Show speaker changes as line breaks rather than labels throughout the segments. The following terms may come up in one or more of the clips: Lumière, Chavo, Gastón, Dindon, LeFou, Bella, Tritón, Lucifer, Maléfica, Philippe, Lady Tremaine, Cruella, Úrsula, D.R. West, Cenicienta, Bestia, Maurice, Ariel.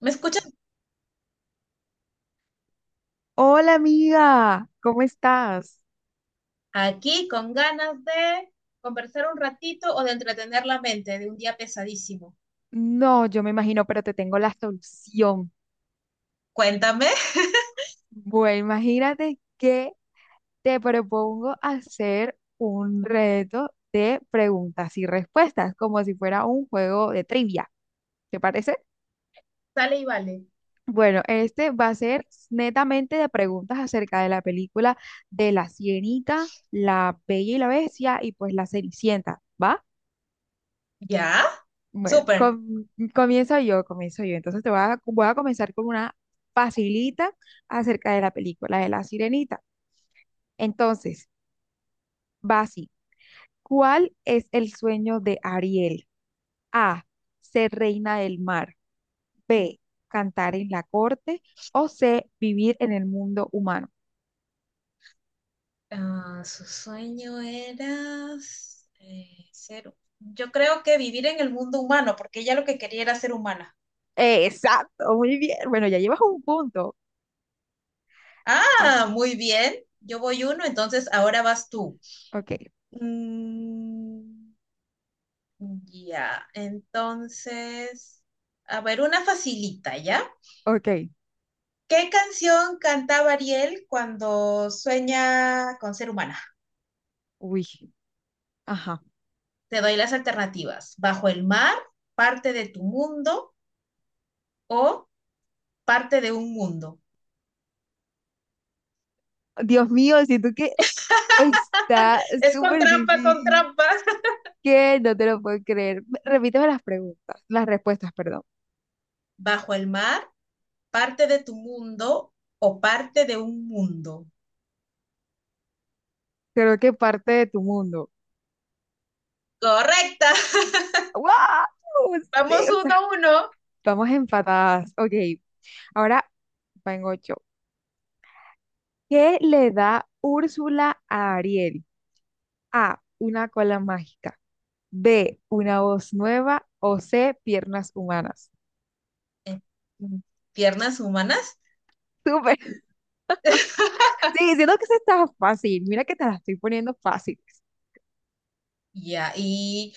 ¿Me escuchas?
Hola amiga, ¿cómo estás?
Aquí con ganas de conversar un ratito o de entretener la mente de un día pesadísimo.
No, yo me imagino, pero te tengo la solución.
Cuéntame.
Bueno, imagínate que te propongo hacer un reto de preguntas y respuestas, como si fuera un juego de trivia. ¿Te parece?
Sale y vale.
Bueno, este va a ser netamente de preguntas acerca de la película de La Sirenita, La Bella y la Bestia y pues La Cenicienta, ¿va?
¿Ya?
Bueno,
Súper.
comienzo yo, comienzo yo. Entonces te voy a comenzar con una facilita acerca de la película de La Sirenita. Entonces, Basi, ¿cuál es el sueño de Ariel? A, ser reina del mar. B, cantar en la corte. O C, vivir en el mundo humano.
Ah, su sueño era ser... Yo creo que vivir en el mundo humano, porque ella lo que quería era ser humana.
Exacto, muy bien. Bueno, ya llevas un punto. Ah,
Ah, muy bien. Yo voy uno, entonces ahora vas tú.
ok,
Mm, ya, entonces... A ver, una facilita, ¿ya?
ok.
¿Qué canción cantaba Ariel cuando sueña con ser humana?
Uy, ajá.
Te doy las alternativas. Bajo el mar, parte de tu mundo o parte de un mundo.
Dios mío, siento que está
Es con
súper
trampa, con
difícil.
trampa.
¿Qué? No te lo puedo creer. Repíteme las preguntas, las respuestas, perdón.
Bajo el mar, parte de tu mundo o parte de un mundo.
Creo que parte de tu mundo.
Correcta.
¡Wow! Sí,
Vamos
o
uno
sea,
a uno.
estamos empatadas. Ok, ahora vengo yo. ¿Qué le da Úrsula a Ariel? A, una cola mágica. B, una voz nueva. O C, piernas humanas.
Piernas humanas.
Súper. Sí, siento que eso está fácil. Mira que te la estoy poniendo fácil.
Ya, y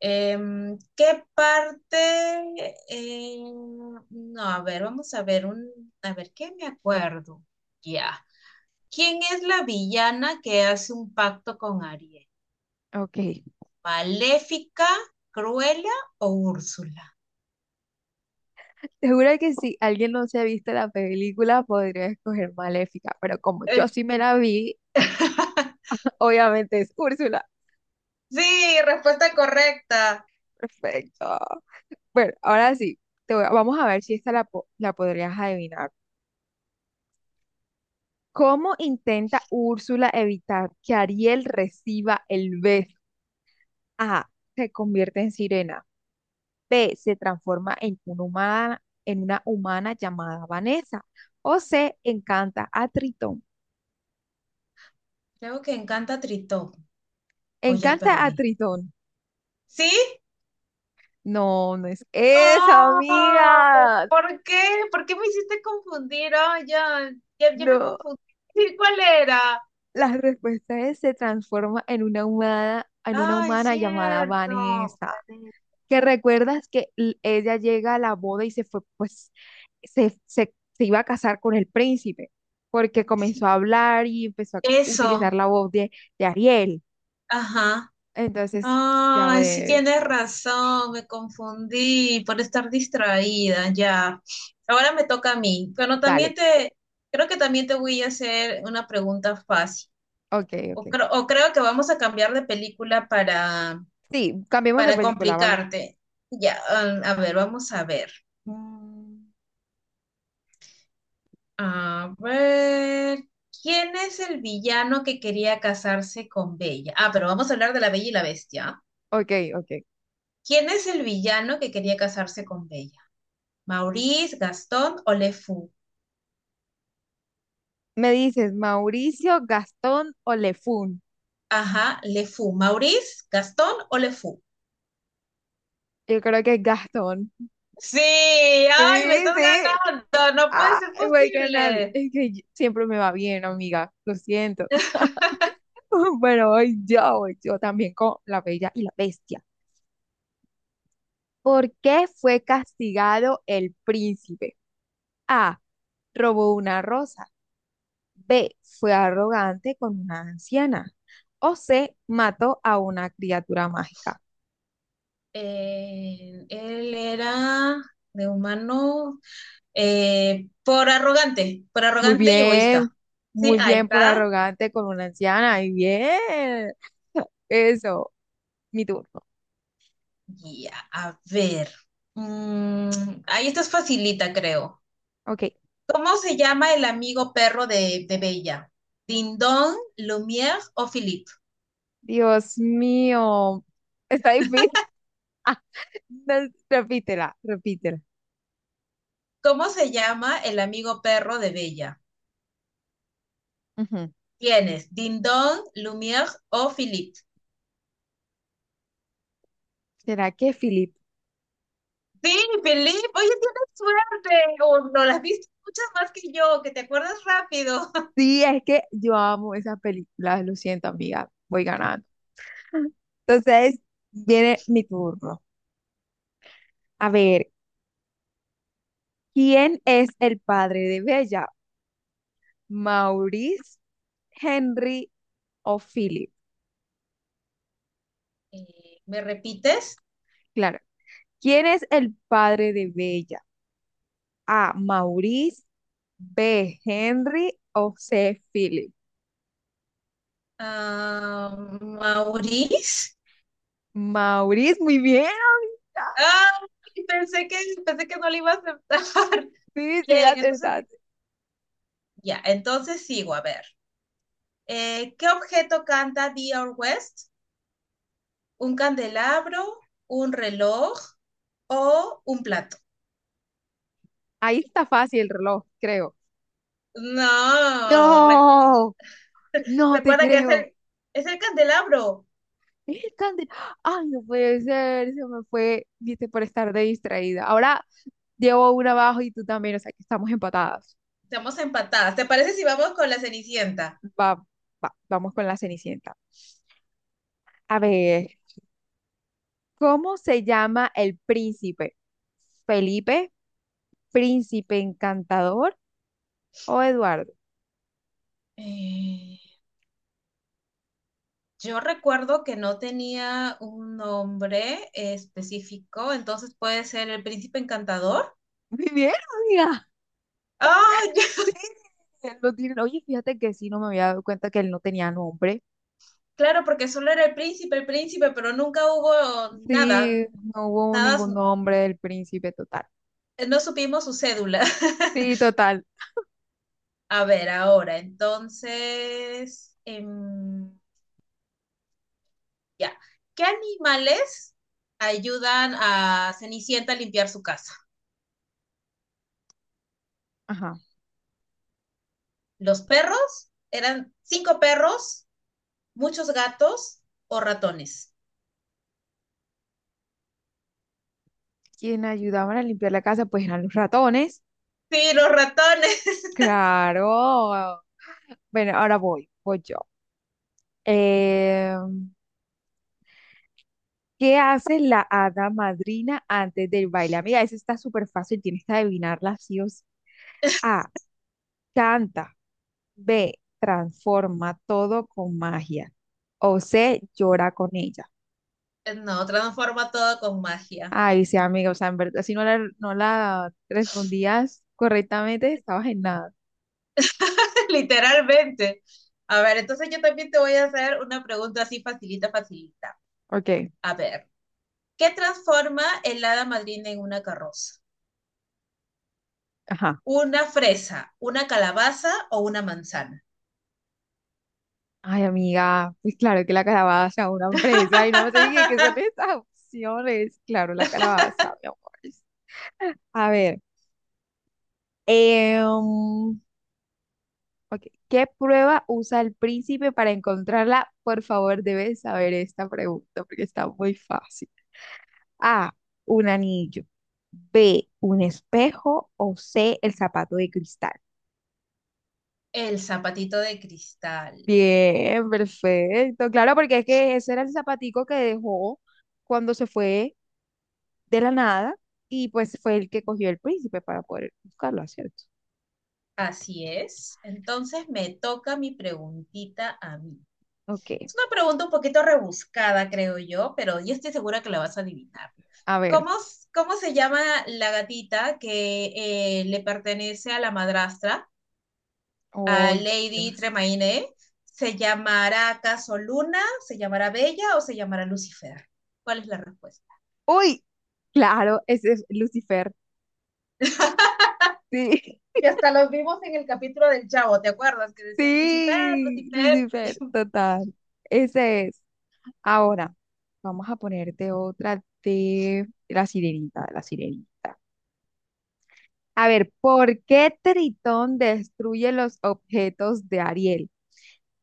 ¿qué parte? No, a ver, vamos a ver a ver, ¿qué me acuerdo? Ya. ¿Quién es la villana que hace un pacto con Ariel?
Ok.
¿Maléfica, Cruella o Úrsula?
Seguro que si alguien no se ha visto la película, podría escoger Maléfica, pero como yo
Eh,
sí me la vi, obviamente es Úrsula.
sí, respuesta correcta.
Perfecto. Bueno, ahora sí, vamos a ver si esta la podrías adivinar. ¿Cómo intenta Úrsula evitar que Ariel reciba el beso? A. Se convierte en sirena. B. Se transforma en una humana llamada Vanessa. O C. Encanta a Tritón.
Creo que encanta Tritón. O ya
Encanta a
perdí.
Tritón.
¿Sí?
No, no es esa,
Oh,
amiga.
¿por qué? ¿Por qué me hiciste confundir? Oh, ya, ya, ya me
No.
confundí. Sí, ¿cuál era?
La respuesta es se transforma en una
Ay,
humana llamada
cierto.
Vanessa. Que recuerdas que ella llega a la boda y se fue, pues, se iba a casar con el príncipe, porque
Sí,
comenzó a hablar y empezó a
eso.
utilizar la voz de Ariel.
Ajá.
Entonces, ya
Ay, sí
ves.
tienes razón, me confundí por estar distraída, ya. Ahora me toca a mí, pero también
Dale.
te, creo que también te voy a hacer una pregunta fácil.
Ok, ok.
O, o creo que vamos a cambiar de película
Sí, cambiemos de
para
película, ¿vale?
complicarte. Ya, ah, a ver, vamos a ver. Mm, A ver, ¿quién es el villano que quería casarse con Bella? Ah, pero vamos a hablar de la Bella y la Bestia, ¿ah?
Ok, ok.
¿Quién es el villano que quería casarse con Bella? ¿Maurice, Gastón o LeFou?
Me dices, Mauricio, Gastón o Lefún.
Ajá, LeFou. ¿Maurice, Gastón o LeFou?
Yo creo que es Gastón.
Sí, ay, me
Sí,
estás
sí.
ganando, no puede ser
Ay, voy ganando.
posible.
Es que siempre me va bien, amiga. Lo siento. Bueno, hoy yo, voy yo también con La Bella y la Bestia. ¿Por qué fue castigado el príncipe? A. Robó una rosa. B. Fue arrogante con una anciana. O C. Mató a una criatura mágica.
Él era de humano por
Muy
arrogante y egoísta.
bien,
Sí,
muy
ahí
bien, por
está.
arrogante con una anciana. Y bien. Eso, mi turno.
Ya, a ver. Ahí esta es facilita, creo.
Ok.
¿Cómo se llama el amigo perro de Bella? ¿Dindon, Lumière o Philippe?
Dios mío. Está difícil. Ah, no, repítela, repítela.
¿Cómo se llama el amigo perro de Bella?
Ujú.
Tienes Dindon, Lumière o Philippe.
¿Será que Philip?
Sí, Felipe, oye, tienes suerte, o no las viste muchas más que yo, que te acuerdas rápido.
Sí, es que yo amo esas películas. Lo siento, amiga. Voy ganando. Entonces, viene mi turno. A ver, ¿quién es el padre de Bella? ¿Maurice, Henry o Philip?
¿Me repites?
Claro. ¿Quién es el padre de Bella? A. Maurice. B. Henry. O C. Philip.
Ah, Maurice.
Maurice, muy bien.
Ah, pensé que, pensé que no le iba a aceptar.
Sí, sí, la
Bien, entonces,
acertaste.
ya, entonces sigo, a ver. ¿Qué objeto canta D.R. West? ¿Un candelabro, un reloj o un plato?
Ahí está fácil el reloj, creo.
No,
No, no te
recuerda que
creo.
es el candelabro.
Es tan de- Ay, no puede ser, se me fue, viste, por estar de distraída. Ahora llevo una abajo y tú también, o sea que estamos empatadas.
Estamos empatadas. ¿Te parece si vamos con la Cenicienta?
Va, va, vamos con la Cenicienta. A ver. ¿Cómo se llama el príncipe? ¿Felipe? ¿Príncipe encantador o Eduardo?
Eh, yo recuerdo que no tenía un nombre específico, entonces puede ser el príncipe encantador.
Muy bien, amiga.
¡Ah! Ya,
Sí, él lo tiene. Oye, fíjate que sí, no me había dado cuenta que él no tenía nombre.
claro, porque solo era el príncipe, pero nunca hubo nada,
Sí, no hubo
nada,
ningún
su-
nombre del príncipe total.
no supimos su cédula.
Sí, total.
A ver, ahora, entonces, ya. ¿Qué animales ayudan a Cenicienta a limpiar su casa?
Ajá.
Los perros, eran cinco perros, muchos gatos o ratones.
¿Quién ayudaban a limpiar la casa? Pues eran los ratones.
Sí, los ratones.
Claro. Bueno, ahora voy, voy yo. Em, ¿Qué hace la hada madrina antes del baile? Amiga, eso está súper fácil, tienes que adivinarla sí o sí. A. Canta. B. Transforma todo con magia. O C. Llora con ella.
No, transforma todo con magia.
Ay, sí, amiga, o sea, en verdad, si no la respondías correctamente, estabas en nada.
Literalmente. A ver, entonces yo también te voy a hacer una pregunta así facilita, facilita.
Ok,
A ver, ¿qué transforma el hada madrina en una carroza?
ajá.
¿Una fresa, una calabaza o una manzana?
Ay, amiga, pues claro que la calabaza, una empresa, y no me dije qué son estas opciones. Claro, la calabaza, mi amor. A ver. Em, ok. ¿Qué prueba usa el príncipe para encontrarla? Por favor, debes saber esta pregunta porque está muy fácil. A, un anillo. B, un espejo. O C, el zapato de cristal.
El zapatito de cristal.
Bien, perfecto. Claro, porque es que ese era el zapatico que dejó cuando se fue de la nada y pues fue el que cogió el príncipe para poder buscarlo, ¿cierto?
Así es. Entonces me toca mi preguntita a mí.
Ok,
Es una pregunta un poquito rebuscada, creo yo, pero yo estoy segura que la vas a adivinar.
a ver.
¿Cómo, cómo se llama la gatita que le pertenece a la madrastra, a
Ay,
Lady
Dios.
Tremaine? ¿Se llamará acaso Luna? ¿Se llamará Bella o se llamará Lucifer? ¿Cuál es la respuesta?
Uy, claro, ese es Lucifer. Sí,
Que hasta los vimos en el capítulo del Chavo, ¿te acuerdas? Que decían Lucifer,
sí,
Lucifer,
Lucifer, total. Ese es. Ahora, vamos a ponerte otra de la sirenita, de la sirenita. A ver, ¿por qué Tritón destruye los objetos de Ariel?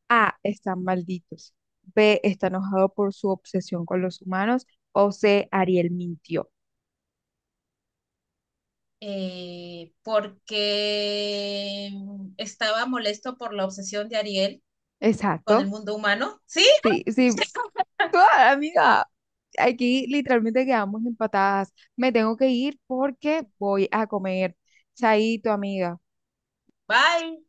A, están malditos. B, está enojado por su obsesión con los humanos. O C, Ariel mintió.
porque estaba molesto por la obsesión de Ariel con el
Exacto.
mundo humano, ¿sí?
Sí, sí. Ah, amiga, aquí literalmente quedamos empatadas. Me tengo que ir porque voy a comer. Chaito, amiga.
Bye.